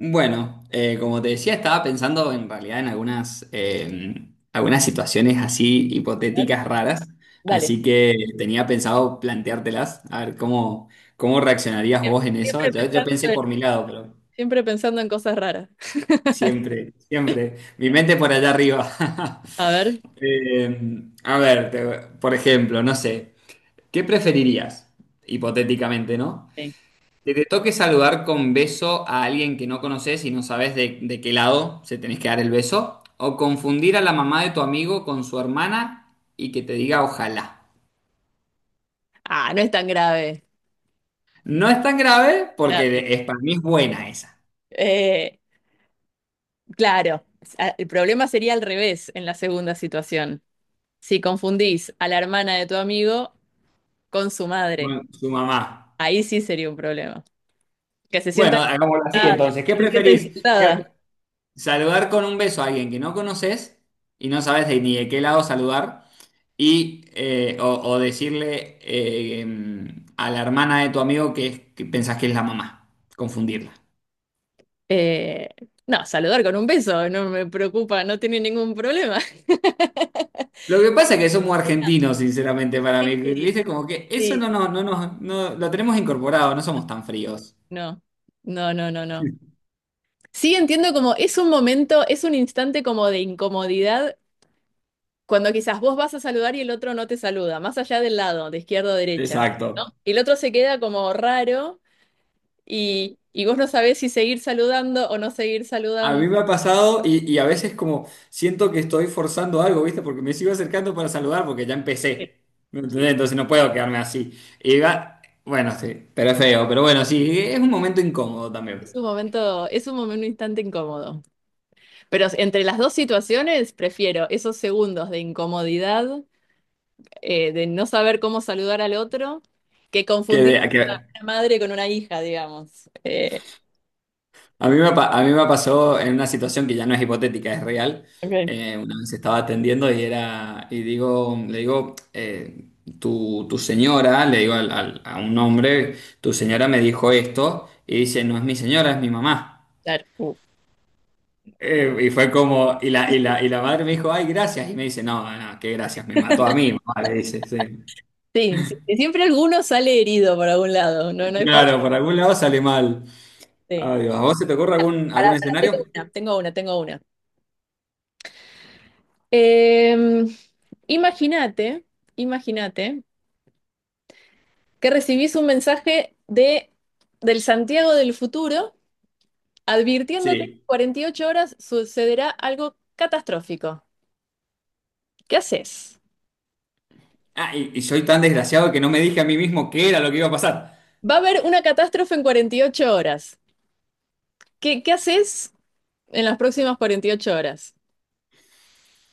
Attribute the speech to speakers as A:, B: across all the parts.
A: Bueno, como te decía, estaba pensando en realidad en algunas, algunas situaciones así hipotéticas raras,
B: Dale.
A: así que tenía pensado planteártelas, a ver cómo, cómo reaccionarías vos en eso.
B: Siempre
A: Yo
B: pensando
A: pensé
B: en,
A: por mi lado, pero
B: siempre pensando en cosas raras.
A: siempre, siempre, mi mente por allá arriba.
B: A ver.
A: Eh, a ver, por ejemplo, no sé, ¿qué preferirías? Hipotéticamente, ¿no?
B: Sí.
A: Que te toque saludar con beso a alguien que no conoces y no sabes de qué lado se tenés que dar el beso. O confundir a la mamá de tu amigo con su hermana y que te diga ojalá.
B: Ah, no es tan grave.
A: No es tan grave
B: Grave.
A: porque es, para mí es buena esa.
B: Eh, claro, el problema sería al revés en la segunda situación. Si confundís a la hermana de tu amigo con su madre,
A: Bueno, su mamá.
B: ahí sí sería un problema. Que se sienta
A: Bueno, hagámoslo así
B: insultada.
A: entonces. ¿Qué
B: Se sienta
A: preferís?
B: insultada.
A: ¿Saludar con un beso a alguien que no conoces y no sabes ni de qué lado saludar? Y, o decirle a la hermana de tu amigo que, que pensás que es la mamá, confundirla.
B: Eh, no, saludar con un beso, no me preocupa, no tiene ningún problema.
A: Lo que pasa es que somos argentinos, sinceramente, para mí. ¿Viste?
B: Sí,
A: Como que eso
B: sí.
A: no, no, no, no, no lo tenemos incorporado, no somos tan fríos.
B: No, no, no, no, no. Sí, entiendo como es un momento, es un instante como de incomodidad cuando quizás vos vas a saludar y el otro no te saluda, más allá del lado, de izquierda o derecha,
A: Exacto.
B: ¿no? Y el otro se queda como raro y vos no sabés si seguir saludando o no seguir
A: A
B: saludando.
A: mí me ha pasado y a veces como siento que estoy forzando algo, ¿viste? Porque me sigo acercando para saludar porque ya
B: Sí,
A: empecé. ¿Me
B: sí.
A: entendés?
B: Sí.
A: Entonces no puedo quedarme así. Y va, bueno, sí, pero es feo, pero bueno, sí, es un momento incómodo también.
B: Es un momento, un instante incómodo. Pero entre las dos situaciones, prefiero esos segundos de incomodidad, de no saber cómo saludar al otro, que
A: Que,
B: confundir
A: de- que
B: una madre con una hija, digamos.
A: A mí a mí me pasó en una situación que ya no es hipotética, es real.
B: Ok.
A: Una vez estaba atendiendo y era, y digo, le digo, tu señora, le digo a un hombre, tu señora me dijo esto, y dice, no es mi señora, es mi mamá.
B: Claro.
A: Y fue como, y la madre me dijo, ay, gracias. Y me dice, no, no, no, qué gracias, me mató a mí, mamá, le dice, sí.
B: Sí, sí, sí, siempre alguno sale herido por algún lado, no, no hay forma.
A: Claro, por algún lado sale mal.
B: Sí.
A: Ay, Dios, ¿a vos se te ocurre algún
B: Pará, pará, tengo
A: escenario?
B: una, tengo una, tengo una. Em, imagínate, imagínate que recibís un mensaje de, del Santiago del futuro advirtiéndote que en
A: Sí.
B: 48 horas sucederá algo catastrófico. ¿Qué haces?
A: Ah, y soy tan desgraciado que no me dije a mí mismo qué era lo que iba a pasar.
B: Va a haber una catástrofe en 48 horas. ¿Qué haces en las próximas 48 horas?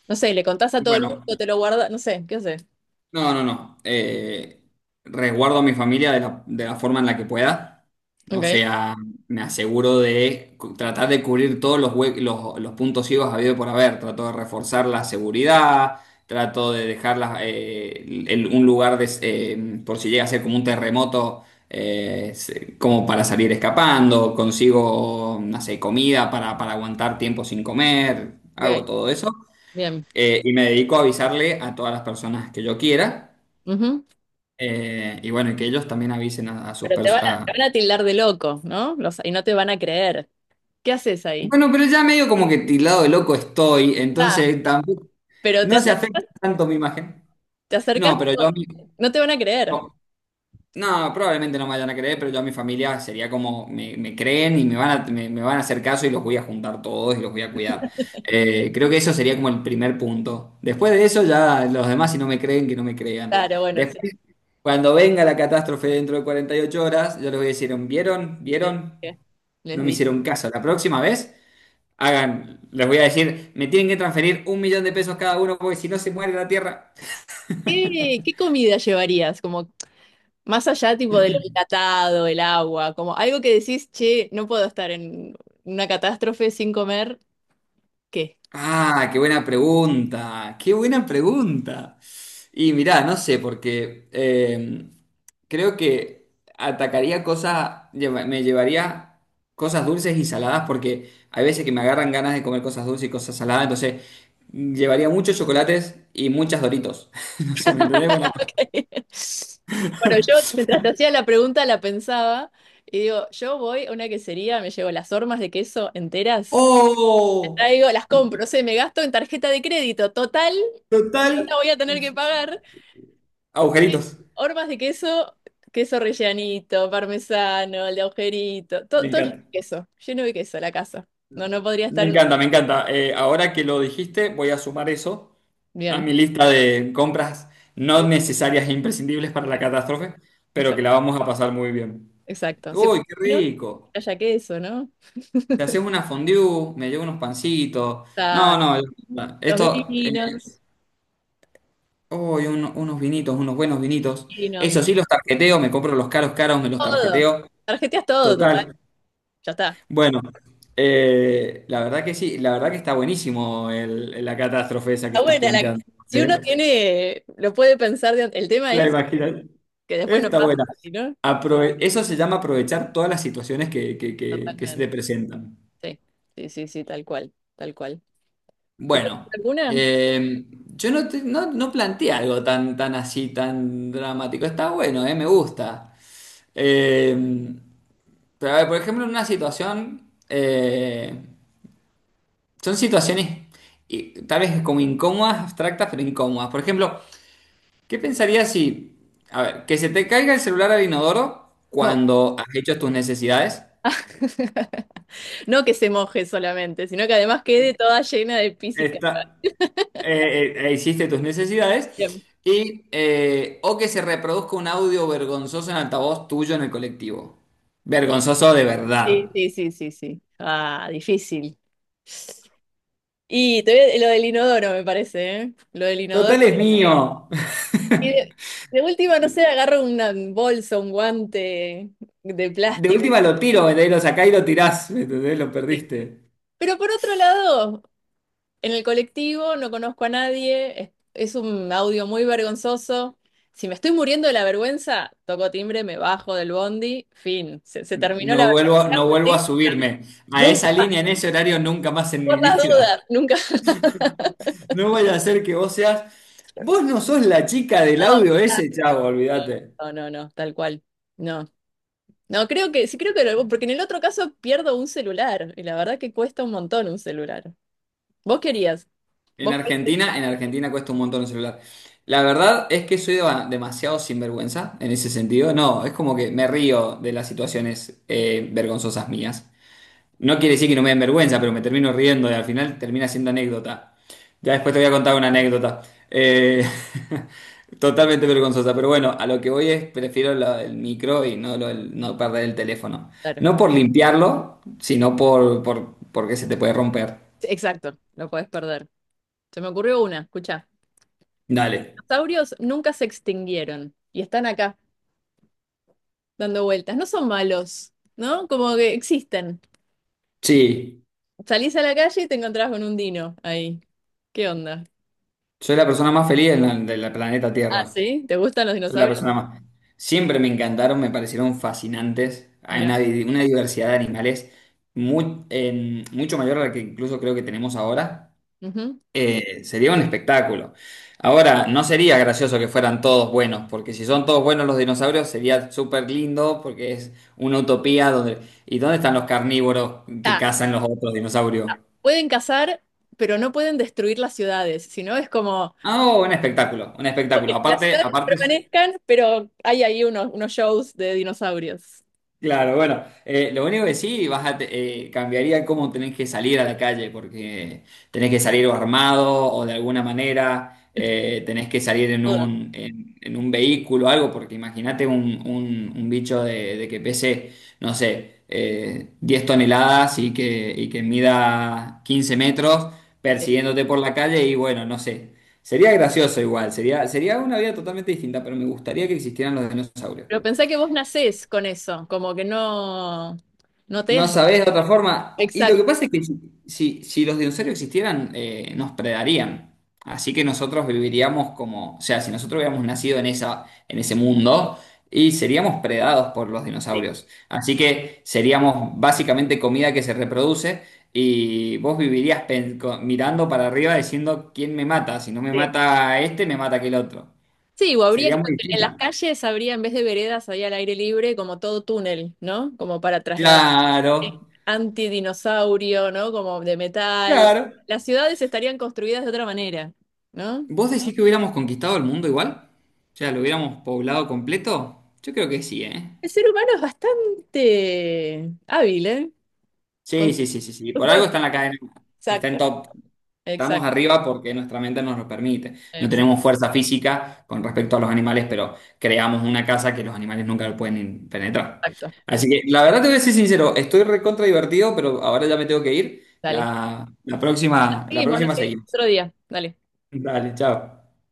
B: No sé, le contás a todo el mundo,
A: Bueno,
B: te lo guardas, no sé, ¿qué haces?
A: no, no, no. Resguardo a mi familia de la forma en la que pueda. O
B: Ok.
A: sea, me aseguro de tratar de cubrir todos los, los puntos ciegos habido por haber. Trato de reforzar la seguridad, trato de dejar las, un lugar de por si llega a ser como un terremoto, como para salir escapando. Consigo, no sé, comida para aguantar tiempo sin comer. Hago
B: Ok,
A: todo eso.
B: bien.
A: Y me dedico a avisarle a todas las personas que yo quiera.
B: Ujú.
A: Y bueno, y que ellos también avisen a sus
B: Pero te van a
A: personas.
B: te van a tildar de loco, ¿no? Y no te van a creer. ¿Qué haces ahí?
A: Bueno, pero ya medio como que tildado de loco estoy,
B: Ah,
A: entonces tampoco
B: pero te,
A: no se afecta tanto mi imagen.
B: te acercas,
A: No, pero yo
B: pero
A: a mi-
B: no te van a creer.
A: No, no, probablemente no me vayan a creer, pero yo a mi familia sería como me creen y me van a me van a hacer caso y los voy a juntar todos y los voy a cuidar. Creo que eso sería como el primer punto. Después de eso, ya los demás, si no me creen, que no me crean.
B: Claro, bueno, sí.
A: Después, cuando venga la catástrofe dentro de 48 horas, yo les voy a decir, ¿vieron?
B: Les
A: ¿Vieron?
B: dije. Les
A: No me
B: dije.
A: hicieron caso. La próxima vez, hagan, les voy a decir, me tienen que transferir 1.000.000 de pesos cada uno porque si no se muere la tierra.
B: ¿Qué, qué comida llevarías? Como más allá tipo de lo enlatado, el agua, como algo que decís, che, no puedo estar en una catástrofe sin comer, ¿qué?
A: Ah, qué buena pregunta, qué buena pregunta. Y mirá, no sé, porque creo que atacaría cosas, me llevaría cosas dulces y saladas porque hay veces que me agarran ganas de comer cosas dulces y cosas saladas, entonces llevaría muchos chocolates y muchas Doritos. No sé, ¿me entendés? Buena cosa.
B: Bueno, yo mientras te hacía la pregunta la pensaba y digo, yo voy a una quesería, me llevo las hormas de queso enteras,
A: ¡Oh!
B: traigo, las compro, sé, me gasto en tarjeta de crédito, total, no
A: Total.
B: la voy a tener que pagar.
A: Agujeritos.
B: Hormas de queso, queso rellanito, parmesano, el de agujerito,
A: Me
B: todo, todo
A: encanta.
B: lleno de queso la casa. No, no podría
A: Me
B: estar en una
A: encanta, me
B: casa.
A: encanta. Ahora que lo dijiste, voy a sumar eso a
B: Bien,
A: mi lista de compras no necesarias e imprescindibles para la catástrofe, pero que
B: exacto,
A: la vamos a pasar muy bien.
B: exacto. Sí, por
A: Uy, qué
B: lo menos
A: rico.
B: que haya queso, ¿no?
A: Te haces una fondue, me llevo unos pancitos.
B: Está
A: No, no,
B: los
A: esto,
B: vinos,
A: uy, unos vinitos, unos buenos vinitos. Eso
B: vinos.
A: sí, los tarjeteo, me compro los caros caros, me los
B: Todo.
A: tarjeteo.
B: Tarjeteas todo, total.
A: Total.
B: Ya está.
A: Bueno, la verdad que sí, la verdad que está buenísimo la catástrofe esa que
B: Está
A: estás
B: buena la.
A: planteando.
B: Si
A: ¿Eh?
B: uno tiene, lo puede pensar. El tema
A: La
B: es
A: imaginación.
B: que después no
A: Está
B: pasa,
A: buena.
B: ¿sí, ¿no?
A: Eso se llama aprovechar todas las situaciones que, que se te
B: Totalmente.
A: presentan.
B: Sí, sí, sí, sí, tal cual, tal cual. ¿Te toca
A: Bueno,
B: alguna?
A: eh, yo no, no, no planteé algo tan, tan así, tan dramático. Está bueno, me gusta. Eh, pero a ver, por ejemplo, en una situación, son situaciones y tal vez como incómodas, abstractas, pero incómodas. Por ejemplo, ¿qué pensarías si, a ver, que se te caiga el celular al inodoro
B: Oh.
A: cuando has hecho tus necesidades?
B: No que se moje solamente, sino que además quede toda llena de pis y caca.
A: Esta- Hiciste tus necesidades,
B: Bien.
A: y, o que se reproduzca un audio vergonzoso en altavoz tuyo en el colectivo. Vergonzoso de
B: Sí,
A: verdad.
B: sí, sí, sí, sí. Ah, difícil. Y te lo del inodoro, me parece, ¿eh? Lo del inodoro.
A: Total es mío.
B: Y de última, no sé, agarro un bolso, un guante de
A: De
B: plástico.
A: última lo tiro, ¿me entendés? Lo sacás y lo tirás, ¿me entendés? Lo
B: Sí.
A: perdiste.
B: Pero por otro lado, en el colectivo no conozco a nadie, es un audio muy vergonzoso. Si me estoy muriendo de la vergüenza, toco timbre, me bajo del bondi, fin, se terminó la vergüenza.
A: No vuelvo a
B: ¿Sí?
A: subirme a
B: Nunca
A: esa
B: más,
A: línea en ese horario nunca más en mi
B: por las
A: vida.
B: dudas, nunca.
A: No vaya a ser que vos seas. Vos no sos la chica del audio ese, chavo, olvídate.
B: No, no, no, tal cual. No. No, creo que, sí creo que lo, porque en el otro caso pierdo un celular, y la verdad que cuesta un montón un celular. ¿Vos querías? Vos podés
A: En Argentina cuesta un montón el celular. La verdad es que soy demasiado sinvergüenza en ese sentido. No, es como que me río de las situaciones vergonzosas mías. No quiere decir que no me den vergüenza, pero me termino riendo y al final termina siendo anécdota. Ya después te voy a contar una anécdota. Eh, totalmente vergonzosa, pero bueno, a lo que voy es, prefiero lo del micro y no, no perder el teléfono.
B: perder.
A: No por limpiarlo, sino por, porque se te puede romper.
B: Sí, exacto, lo podés perder. Se me ocurrió una, escucha.
A: Dale.
B: Los dinosaurios nunca se extinguieron y están acá dando vueltas. No son malos, ¿no? Como que existen.
A: Sí,
B: Salís a la calle y te encontrás con un dino ahí. ¿Qué onda?
A: soy la persona más feliz en del planeta
B: Ah,
A: Tierra.
B: ¿sí? ¿Te gustan los
A: Soy la
B: dinosaurios?
A: persona más. Siempre me encantaron, me parecieron fascinantes. Hay
B: Mirá.
A: una, una diversidad de animales muy, mucho mayor a la que incluso creo que tenemos ahora.
B: Ujú.
A: Sería un espectáculo. Ahora, no sería gracioso que fueran todos buenos, porque si son todos buenos los dinosaurios sería súper lindo, porque es una utopía donde... ¿Y dónde están los carnívoros que
B: Ah,
A: cazan los otros dinosaurios?
B: pueden cazar, pero no pueden destruir las ciudades. Sino es como
A: Ah, oh, un espectáculo, un espectáculo.
B: que las
A: Aparte,
B: ciudades
A: aparte
B: permanezcan, pero hay ahí unos, unos shows de dinosaurios.
A: claro, bueno, lo único que sí, cambiaría cómo tenés que salir a la calle, porque tenés que salir o armado o de alguna manera, tenés que salir en
B: Todo.
A: un, en un vehículo o algo, porque imagínate un, un bicho de que pese, no sé, 10 toneladas y que mida 15 metros persiguiéndote por la calle y bueno, no sé, sería gracioso igual, sería, sería una vida totalmente distinta, pero me gustaría que existieran los dinosaurios.
B: Pero pensé que vos nacés con eso, como que no, no te
A: No
B: das.
A: sabés de otra forma. Y lo que
B: Exacto.
A: pasa es que si, si los dinosaurios existieran, nos predarían. Así que nosotros viviríamos como, o sea, si nosotros hubiéramos nacido en esa, en ese mundo, y seríamos predados por los
B: Sí,
A: dinosaurios. Así que seríamos básicamente comida que se reproduce y vos vivirías mirando para arriba diciendo quién me mata. Si no me
B: sí.
A: mata este, me mata aquel otro.
B: Sí, o habría
A: Sería
B: que
A: muy
B: en las
A: distinta.
B: calles habría, en vez de veredas, había al aire libre como todo túnel, ¿no? Como para trasladar
A: Claro,
B: antidinosaurio, ¿no? Como de metal.
A: claro.
B: Las ciudades estarían construidas de otra manera, ¿no?
A: ¿Vos decís que hubiéramos conquistado el mundo igual? O sea, ¿lo hubiéramos poblado completo? Yo creo que sí, ¿eh?
B: El ser humano es bastante hábil, ¿eh? Con
A: Sí, sí, sí, sí, sí.
B: sus
A: Por algo
B: cosas.
A: está en la cadena. Está en
B: Exacto,
A: top. Estamos
B: exacto,
A: arriba porque nuestra mente nos lo permite. No tenemos
B: exacto,
A: fuerza física con respecto a los animales, pero creamos una casa que los animales nunca lo pueden penetrar.
B: exacto.
A: Así que la verdad te voy a ser sincero, estoy recontra divertido, pero ahora ya me tengo que ir.
B: Dale.
A: La, la
B: Seguimos, lo
A: próxima
B: seguimos
A: seguimos.
B: otro día. Dale.
A: Dale, chao.